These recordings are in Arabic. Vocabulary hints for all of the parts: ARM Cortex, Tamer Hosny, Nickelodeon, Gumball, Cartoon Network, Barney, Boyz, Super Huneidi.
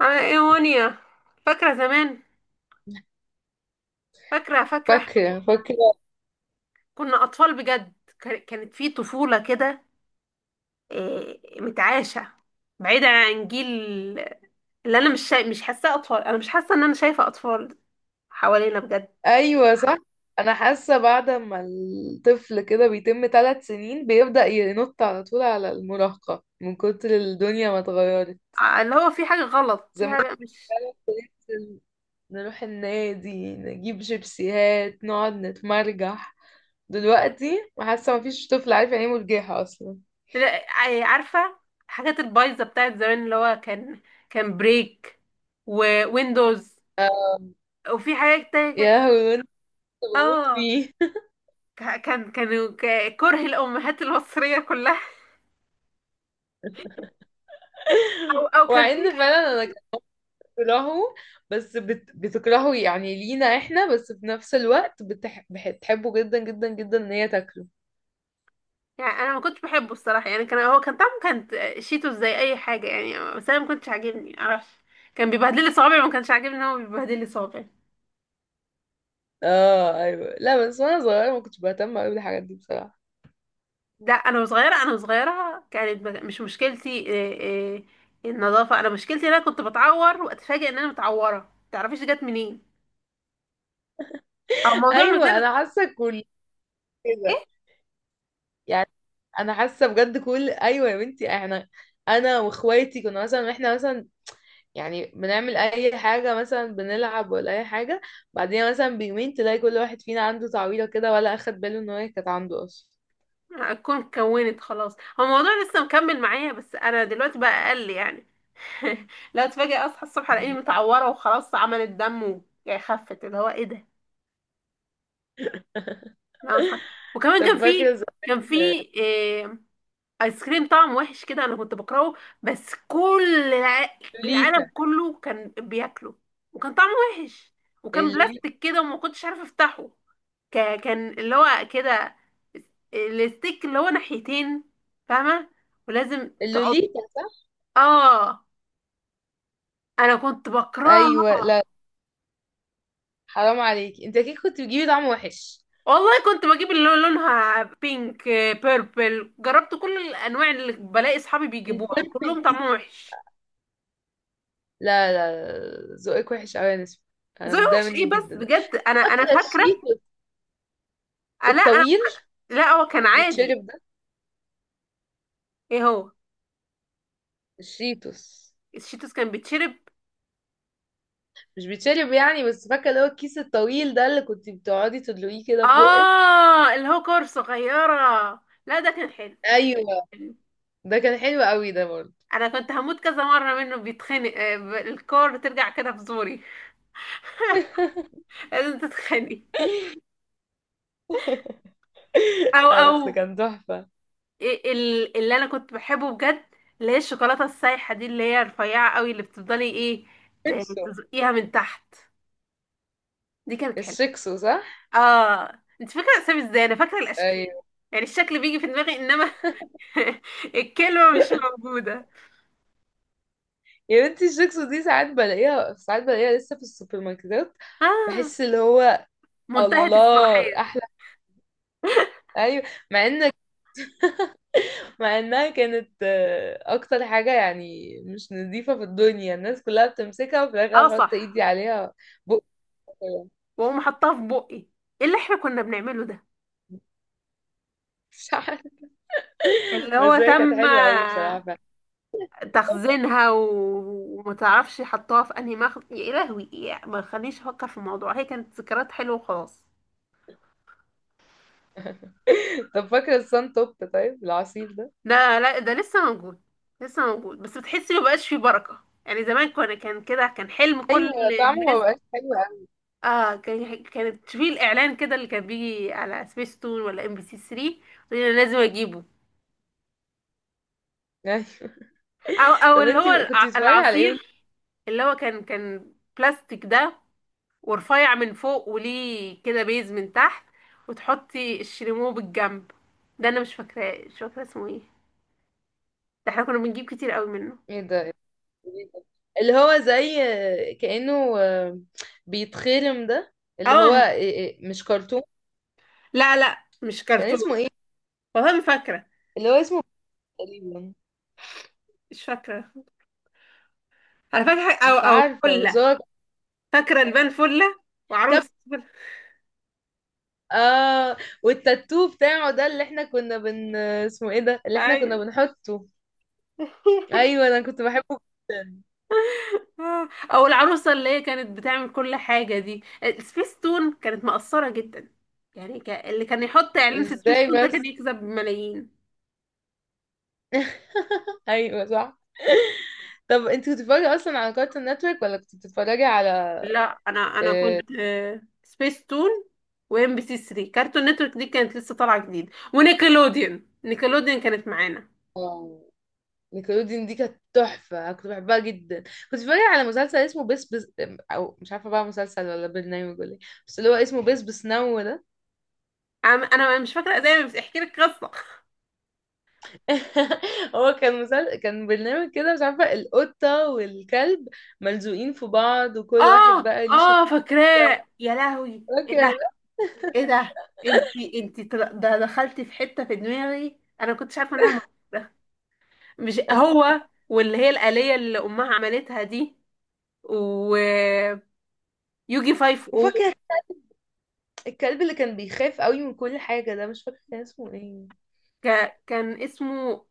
ايه وانيا، فاكرة زمان؟ فاكرة احنا فاكرة كنا فاكرة كنا أطفال بجد. كانت في طفولة كده، إيه، متعاشة، بعيدة عن جيل. اللي أنا مش شا... مش حاساه أطفال، أنا مش حاسة إن أنا شايفة أطفال حوالينا بجد. أيوة، صح. أنا حاسة بعد ما الطفل كده بيتم 3 سنين بيبدأ ينط على طول على المراهقة من كتر الدنيا ما اتغيرت. اللي هو في حاجة غلط، في زمان حاجة مش. كنا نروح النادي، نجيب شيبسيهات، نقعد نتمرجح. دلوقتي حاسة مفيش طفل عارف يعني ايه مرجحة أصلا. لا، عارفة، الحاجات البايظة بتاعت زمان اللي هو كان بريك، وويندوز، آه، وفي حاجات تانية كان-. يا لهوي كنت بموت اه، فيه. كره الامهات المصريه كلها. او او كان في وعند ايس فعلا. أنا كريم. بتكرهه، بس بتكرهه يعني لينا احنا، بس في نفس الوقت بتحبه جدا جدا جدا ان هي تاكله. يعني انا ما كنتش بحبه الصراحه، يعني كان، هو كان طعمه كانت شيتو زي اي حاجه يعني، بس انا ما كنتش عاجبني، معرفش. كان بيبهدل لي صوابعي، ما كانش عاجبني ان هو بيبهدل لي صوابعي. اه، ايوه، لا، بس وانا صغيره ما كنتش بهتم قوي بالحاجات دي بصراحه. لا، انا صغيره كانت، مش مشكلتي إيه، إيه، النظافه. انا مشكلتي ان انا كنت بتعور واتفاجئ ان انا متعوره، ما تعرفيش جت منين. او موضوع ما زال. ايوه، كده ايه، يعني انا حاسه بجد. كل ايوه يا بنتي، احنا انا واخواتي كنا مثلا، احنا مثلا يعني بنعمل اي حاجه، مثلا بنلعب ولا اي حاجه، بعدين مثلا بيومين تلاقي كل واحد فينا عنده تعويضه كده ولا اخد باله ان هي كانت عنده اصلا. اكون كونت خلاص، هو الموضوع لسه مكمل معايا، بس انا دلوقتي بقى اقل يعني. لا، اتفاجئ اصحى الصبح الاقيني متعوره وخلاص، عملت دم و- يعني خفت، اللي هو ايه ده. لا اصحى. وكمان كان طب في، فاكر كان في إيه، ايس كريم طعم وحش كده انا كنت بكرهه، بس كل لوليتا؟ العالم كله كان بياكله، وكان طعمه وحش، وكان اللوليتا. بلاستيك كده وما كنتش عارفه افتحه. كان اللي هو كده، الستيك اللي هو ناحيتين، فاهمه؟ ولازم تقعد. اللوليتا صح. اه، انا كنت بكرهها. ايوه لا، حرام عليك، انت كده كنت بتجيبي طعم وحش. والله كنت بجيب اللي هو لونها بينك، بيربل، جربت كل الانواع اللي بلاقي اصحابي بيجيبوها البيربل وكلهم دي؟ طعمهم وحش. لا لا. لا، ذوقك وحش قوي يا نسمة، انا زي متضايقه وحش ايه منك بس؟ جدا. بجد، انا فاكره. الشيتوس آه، لا آه، الطويل، لا هو كان كان عادي. بيتشرب ده؟ ايه هو؟ الشيتوس الشيتوس كان بيتشرب؟ مش بيتشرب يعني، بس فاكره اللي هو الكيس الطويل ده اللي كنت بتقعدي تدلقيه كده في بقك. اه، اللي هو كور صغيره، لا ده كان حلو. ايوه، ده كان حلو قوي ده برضه. انا كنت هموت كذا مره منه، بيتخنق، الكور بترجع كده في زوري. لازم تتخنق. او اه او. بس كان تحفه. إيه، اللي انا كنت بحبه بجد، اللي هي الشوكولاته السايحه دي، اللي هي رفيعه قوي، اللي بتفضلي ايه، الشكسو. تزقيها من تحت. دي كانت حلوه. الشكسو صح. اه، انت فاكره الاسامي ازاي؟ انا فاكره الاشكال، ايوه يعني الشكل بيجي في دماغي، انما الكلمه مش موجوده. يا بنتي، الشيبس دي ساعات بلاقيها، ساعات بلاقيها لسه في السوبر ماركتات. اه. بحس اللي هو منتهيه الله الصلاحيه. احلى. ايوه، مع ان مع انها كانت اكتر حاجه يعني مش نظيفه في الدنيا، الناس كلها بتمسكها وفي الاخر اه انا بحط صح. ايدي عليها، بق كده. واقوم حطاها في بقي. ايه اللي احنا كنا بنعمله ده؟ مش عارفة. اللي هو بس هي كانت تم حلوه قوي بصراحه فعلا. تخزينها و- وما تعرفش حطوها في انهي مخ. يا لهوي، يا ما خلينيش افكر في الموضوع، هي كانت ذكريات حلوه وخلاص. طب فاكره الصن توب؟ طيب العصير ده؟ لا لا، ده لسه موجود. لسه موجود، بس بتحسي ما بقاش فيه بركه، يعني زمان كان كده، كان حلم كل ايوه، طعمه ما الناس. بقاش حلو قوي. اه، كانت تشوفي الاعلان كده اللي كان بيجي على سبيس تون ولا ام بي سي 3، انا لازم اجيبه. ايوه. او او طب اللي هو انتي كنتي بتتفرجي على ايه وانت؟ العصير، اللي هو كان بلاستيك ده، ورفيع من فوق وليه كده بيز من تحت، وتحطي الشريمو بالجنب. ده انا مش فاكراه، مش فاكره اسمه ايه، ده احنا كنا بنجيب كتير قوي منه. ايه ده؟ اللي هو زي كأنه بيتخرم ده، اللي هو اه. إيه، إيه، مش كرتون. لا لا، مش كان كرتون. اسمه ايه؟ والله ما فاكره، اللي هو اسمه تقريبا، مش فاكره. انا فاكره مش او او عارفة، بس فله، هو فاكره البان فله، كاب. وعروس فلة. اه، والتاتو بتاعه ده، اللي احنا كنا بن اسمه ايه ده اللي احنا كنا ايوه. بنحطه. ايوه، انا كنت بحبه جدا. آه، او العروسه اللي هي كانت بتعمل كل حاجه دي. سبيس تون كانت مقصره جدا، يعني ك... اللي كان يحط اعلان في سبيس ازاي تون ده بس. كان يكسب ملايين. ايوه صح. طب انت كنت بتتفرجي اصلا على كارتون نتورك ولا كنت بتتفرجي على؟ لا، انا كنت سبيس تون وام بي سي 3. كارتون نتورك دي كانت لسه طالعه جديد، ونيكلوديون، نيكلوديون كانت معانا. آه، نيكلوديان دي كانت تحفة، أنا كنت بحبها جدا. كنت بتفرج على مسلسل اسمه بس بس، أو مش عارفة بقى مسلسل ولا برنامج ولا ايه، بس اللي هو اسمه بس بس نو ده. انا مش فاكره، زي بس احكي لك قصه. هو كان مسلسل، كان برنامج كده، مش عارفة. القطة والكلب ملزوقين في بعض وكل واحد اه بقى ليه اه، شخصية فاكراه. يا لهوي ايه ده؟ كده. ايه ده؟ انت طل- ده دخلتي في حته في دماغي انا ما كنتش عارفه انها موجوده. مش هو، واللي هي الآلية اللي امها عملتها دي، ويوجي 5. او وفاكرة الكلب اللي كان بيخاف قوي من كل حاجة ده، مش فاكرة كان اسمه ايه. ك... كان اسمه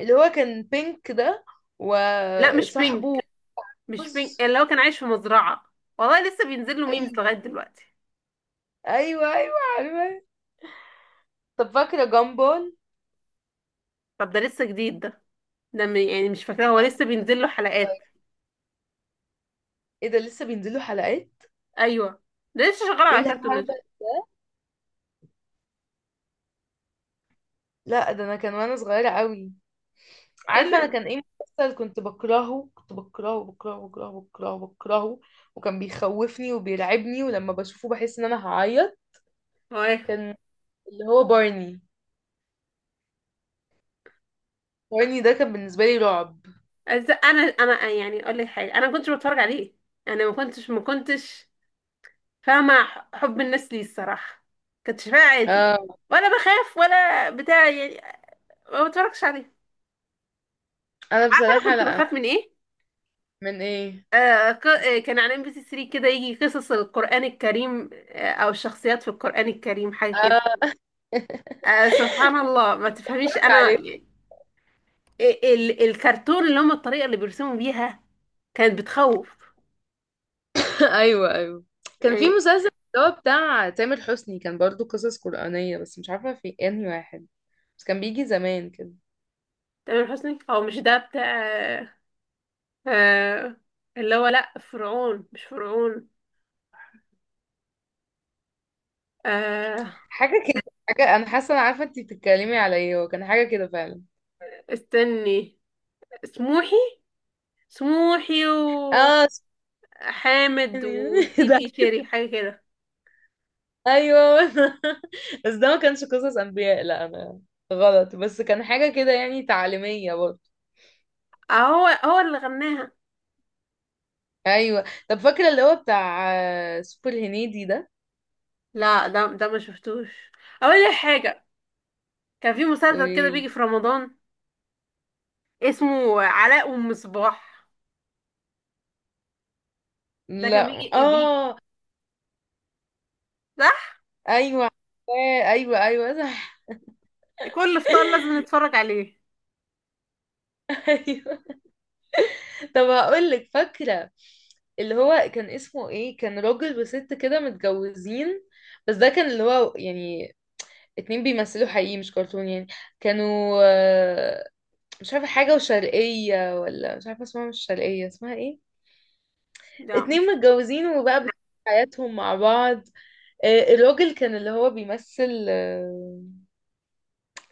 اللي هو كان بينك ده لا مش وصاحبه بينك، مش بينج، بوز. اللي هو كان عايش في مزرعة، والله لسه بينزل له ميمز ايوه، لغاية دلوقتي. ايوه، ايوه، عارفة. طب فاكرة جامبول؟ طب ده لسه جديد ده؟ ده م- يعني مش فاكراه، هو لسه بينزل له حلقات. ايه ده لسه بينزلوا حلقات؟ ايوه، ده لسه شغال ايه على كرتون الهبل! نتورك. لا ده انا كان وانا صغيرة قوي. ايه عارفة انا اللي كان ايه مسلسل كنت بكرهه؟ كنت بكرهه، بكرهه، بكرهه، بكرهه، بكرهه، وكان بيخوفني وبيرعبني، ولما بشوفه بحس ان انا هعيط. هو ايه؟ كان اللي هو بارني. بارني ده كان بالنسبة لي رعب. انا يعني اقول لك حاجة، انا ما كنتش بتفرج عليه، انا ما كنتش فاهمة حب الناس ليه الصراحة، كنت شايفاه عادي اه. ولا بخاف ولا بتاع يعني، ما بتفرجش عليه. انا عارفة انا بصراحة كنت لا. بخاف من ايه؟ من ايه؟ كان على ام بي سي 3 كده، يجي قصص القرآن الكريم، او الشخصيات في القرآن الكريم، حاجة كده. اه. آه، سبحان الله، ما تفهميش، اتفرج عليه. ال الكرتون اللي هم الطريقة اللي بيرسموا بيها كانت بتخوف ايوه ايوه. كان في يعني. مسلسل اللي هو بتاع تامر حسني، كان برضو قصص قرآنية، بس مش عارفة في انهي واحد، بس كان بيجي زمان كده. تامر حسني، او مش ده بتاع، آه، اللي هو لا فرعون، مش فرعون، آه، حاجة كده، حاجة. أنا حاسة أنا عارفة أنتي بتتكلمي على إيه، هو كان حاجة كده فعلا. استني، سموحي، سموحي، آه، وحامد، ثانية. وتيتي ده؟ شيري، حاجة كده. أيوه. بس ده ما كانش قصص أنبياء، لا أنا غلط، بس كان حاجة كده يعني تعليمية برضه. هو هو اللي غناها. أيوه. طب فاكرة اللي هو بتاع سوبر هنيدي ده؟ لا ده، ده ما شفتوش. اقول لك حاجه، كان في مسلسل كده بيجي قوليلي. في رمضان، اسمه علاء ام صباح. ده كان لا بيجي، آه. صح؟ أيوه عارفاه. أيوه أيوه صح. كل فطار لازم نتفرج عليه. أيوه. طب هقولك فاكرة اللي هو كان اسمه ايه، كان راجل وست كده متجوزين، بس ده كان اللي هو يعني اتنين بيمثلوا حقيقي مش كرتون يعني. كانوا مش عارفة حاجة وشرقية ولا مش عارفة اسمها، مش شرقية اسمها ايه. لا اتنين مش. متجوزين وبقى بيعيشوا حياتهم مع بعض. الراجل كان اللي هو بيمثل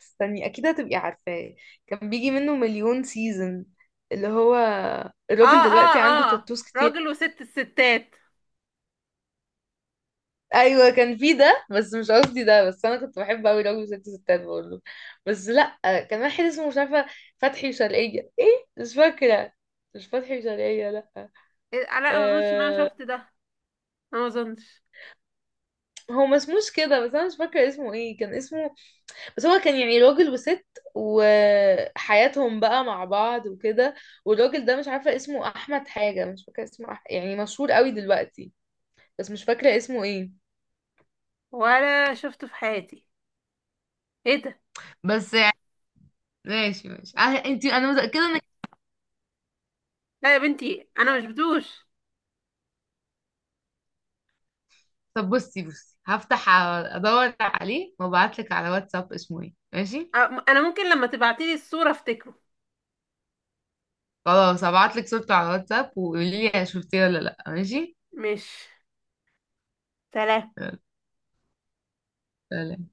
استني اكيد هتبقي عارفاه. كان بيجي منه مليون سيزون. اللي هو اه الراجل اه دلوقتي عنده اه، تاتوز كتير. راجل وست الستات. ايوه كان في ده، بس مش قصدي ده، بس انا كنت بحب قوي راجل وست ستات، بقول له، بس لا، كان واحد اسمه مش عارفه فتحي وشرقيه، ايه مش فاكره. مش فتحي وشرقيه، لا. إيه، علاء، ما اظنش ان انا أه، شفت ده، أنا ما اظنش، هو ما اسموش كده، بس انا مش فاكره اسمه ايه، كان اسمه، بس هو كان يعني راجل وست، وحياتهم بقى مع بعض وكده. والراجل ده مش عارفه اسمه احمد حاجه، مش فاكره اسمه يعني مشهور قوي دلوقتي، بس مش فاكره اسمه ايه. ولا شفته في حياتي. ايه ده؟ بس يعني ماشي ماشي، انت انا متاكده ان. لا يا بنتي، انا مش بدوش. طب بصي بصي، هفتح ادور عليه وابعتلك على واتساب اسمه ايه، ماشي. أ- انا ممكن لما تبعتيلي الصوره افتكره. خلاص هبعتلك صورته على واتساب وقولي لي شفتيه ولا لا، ماشي. مش. سلام. يلا، سلام.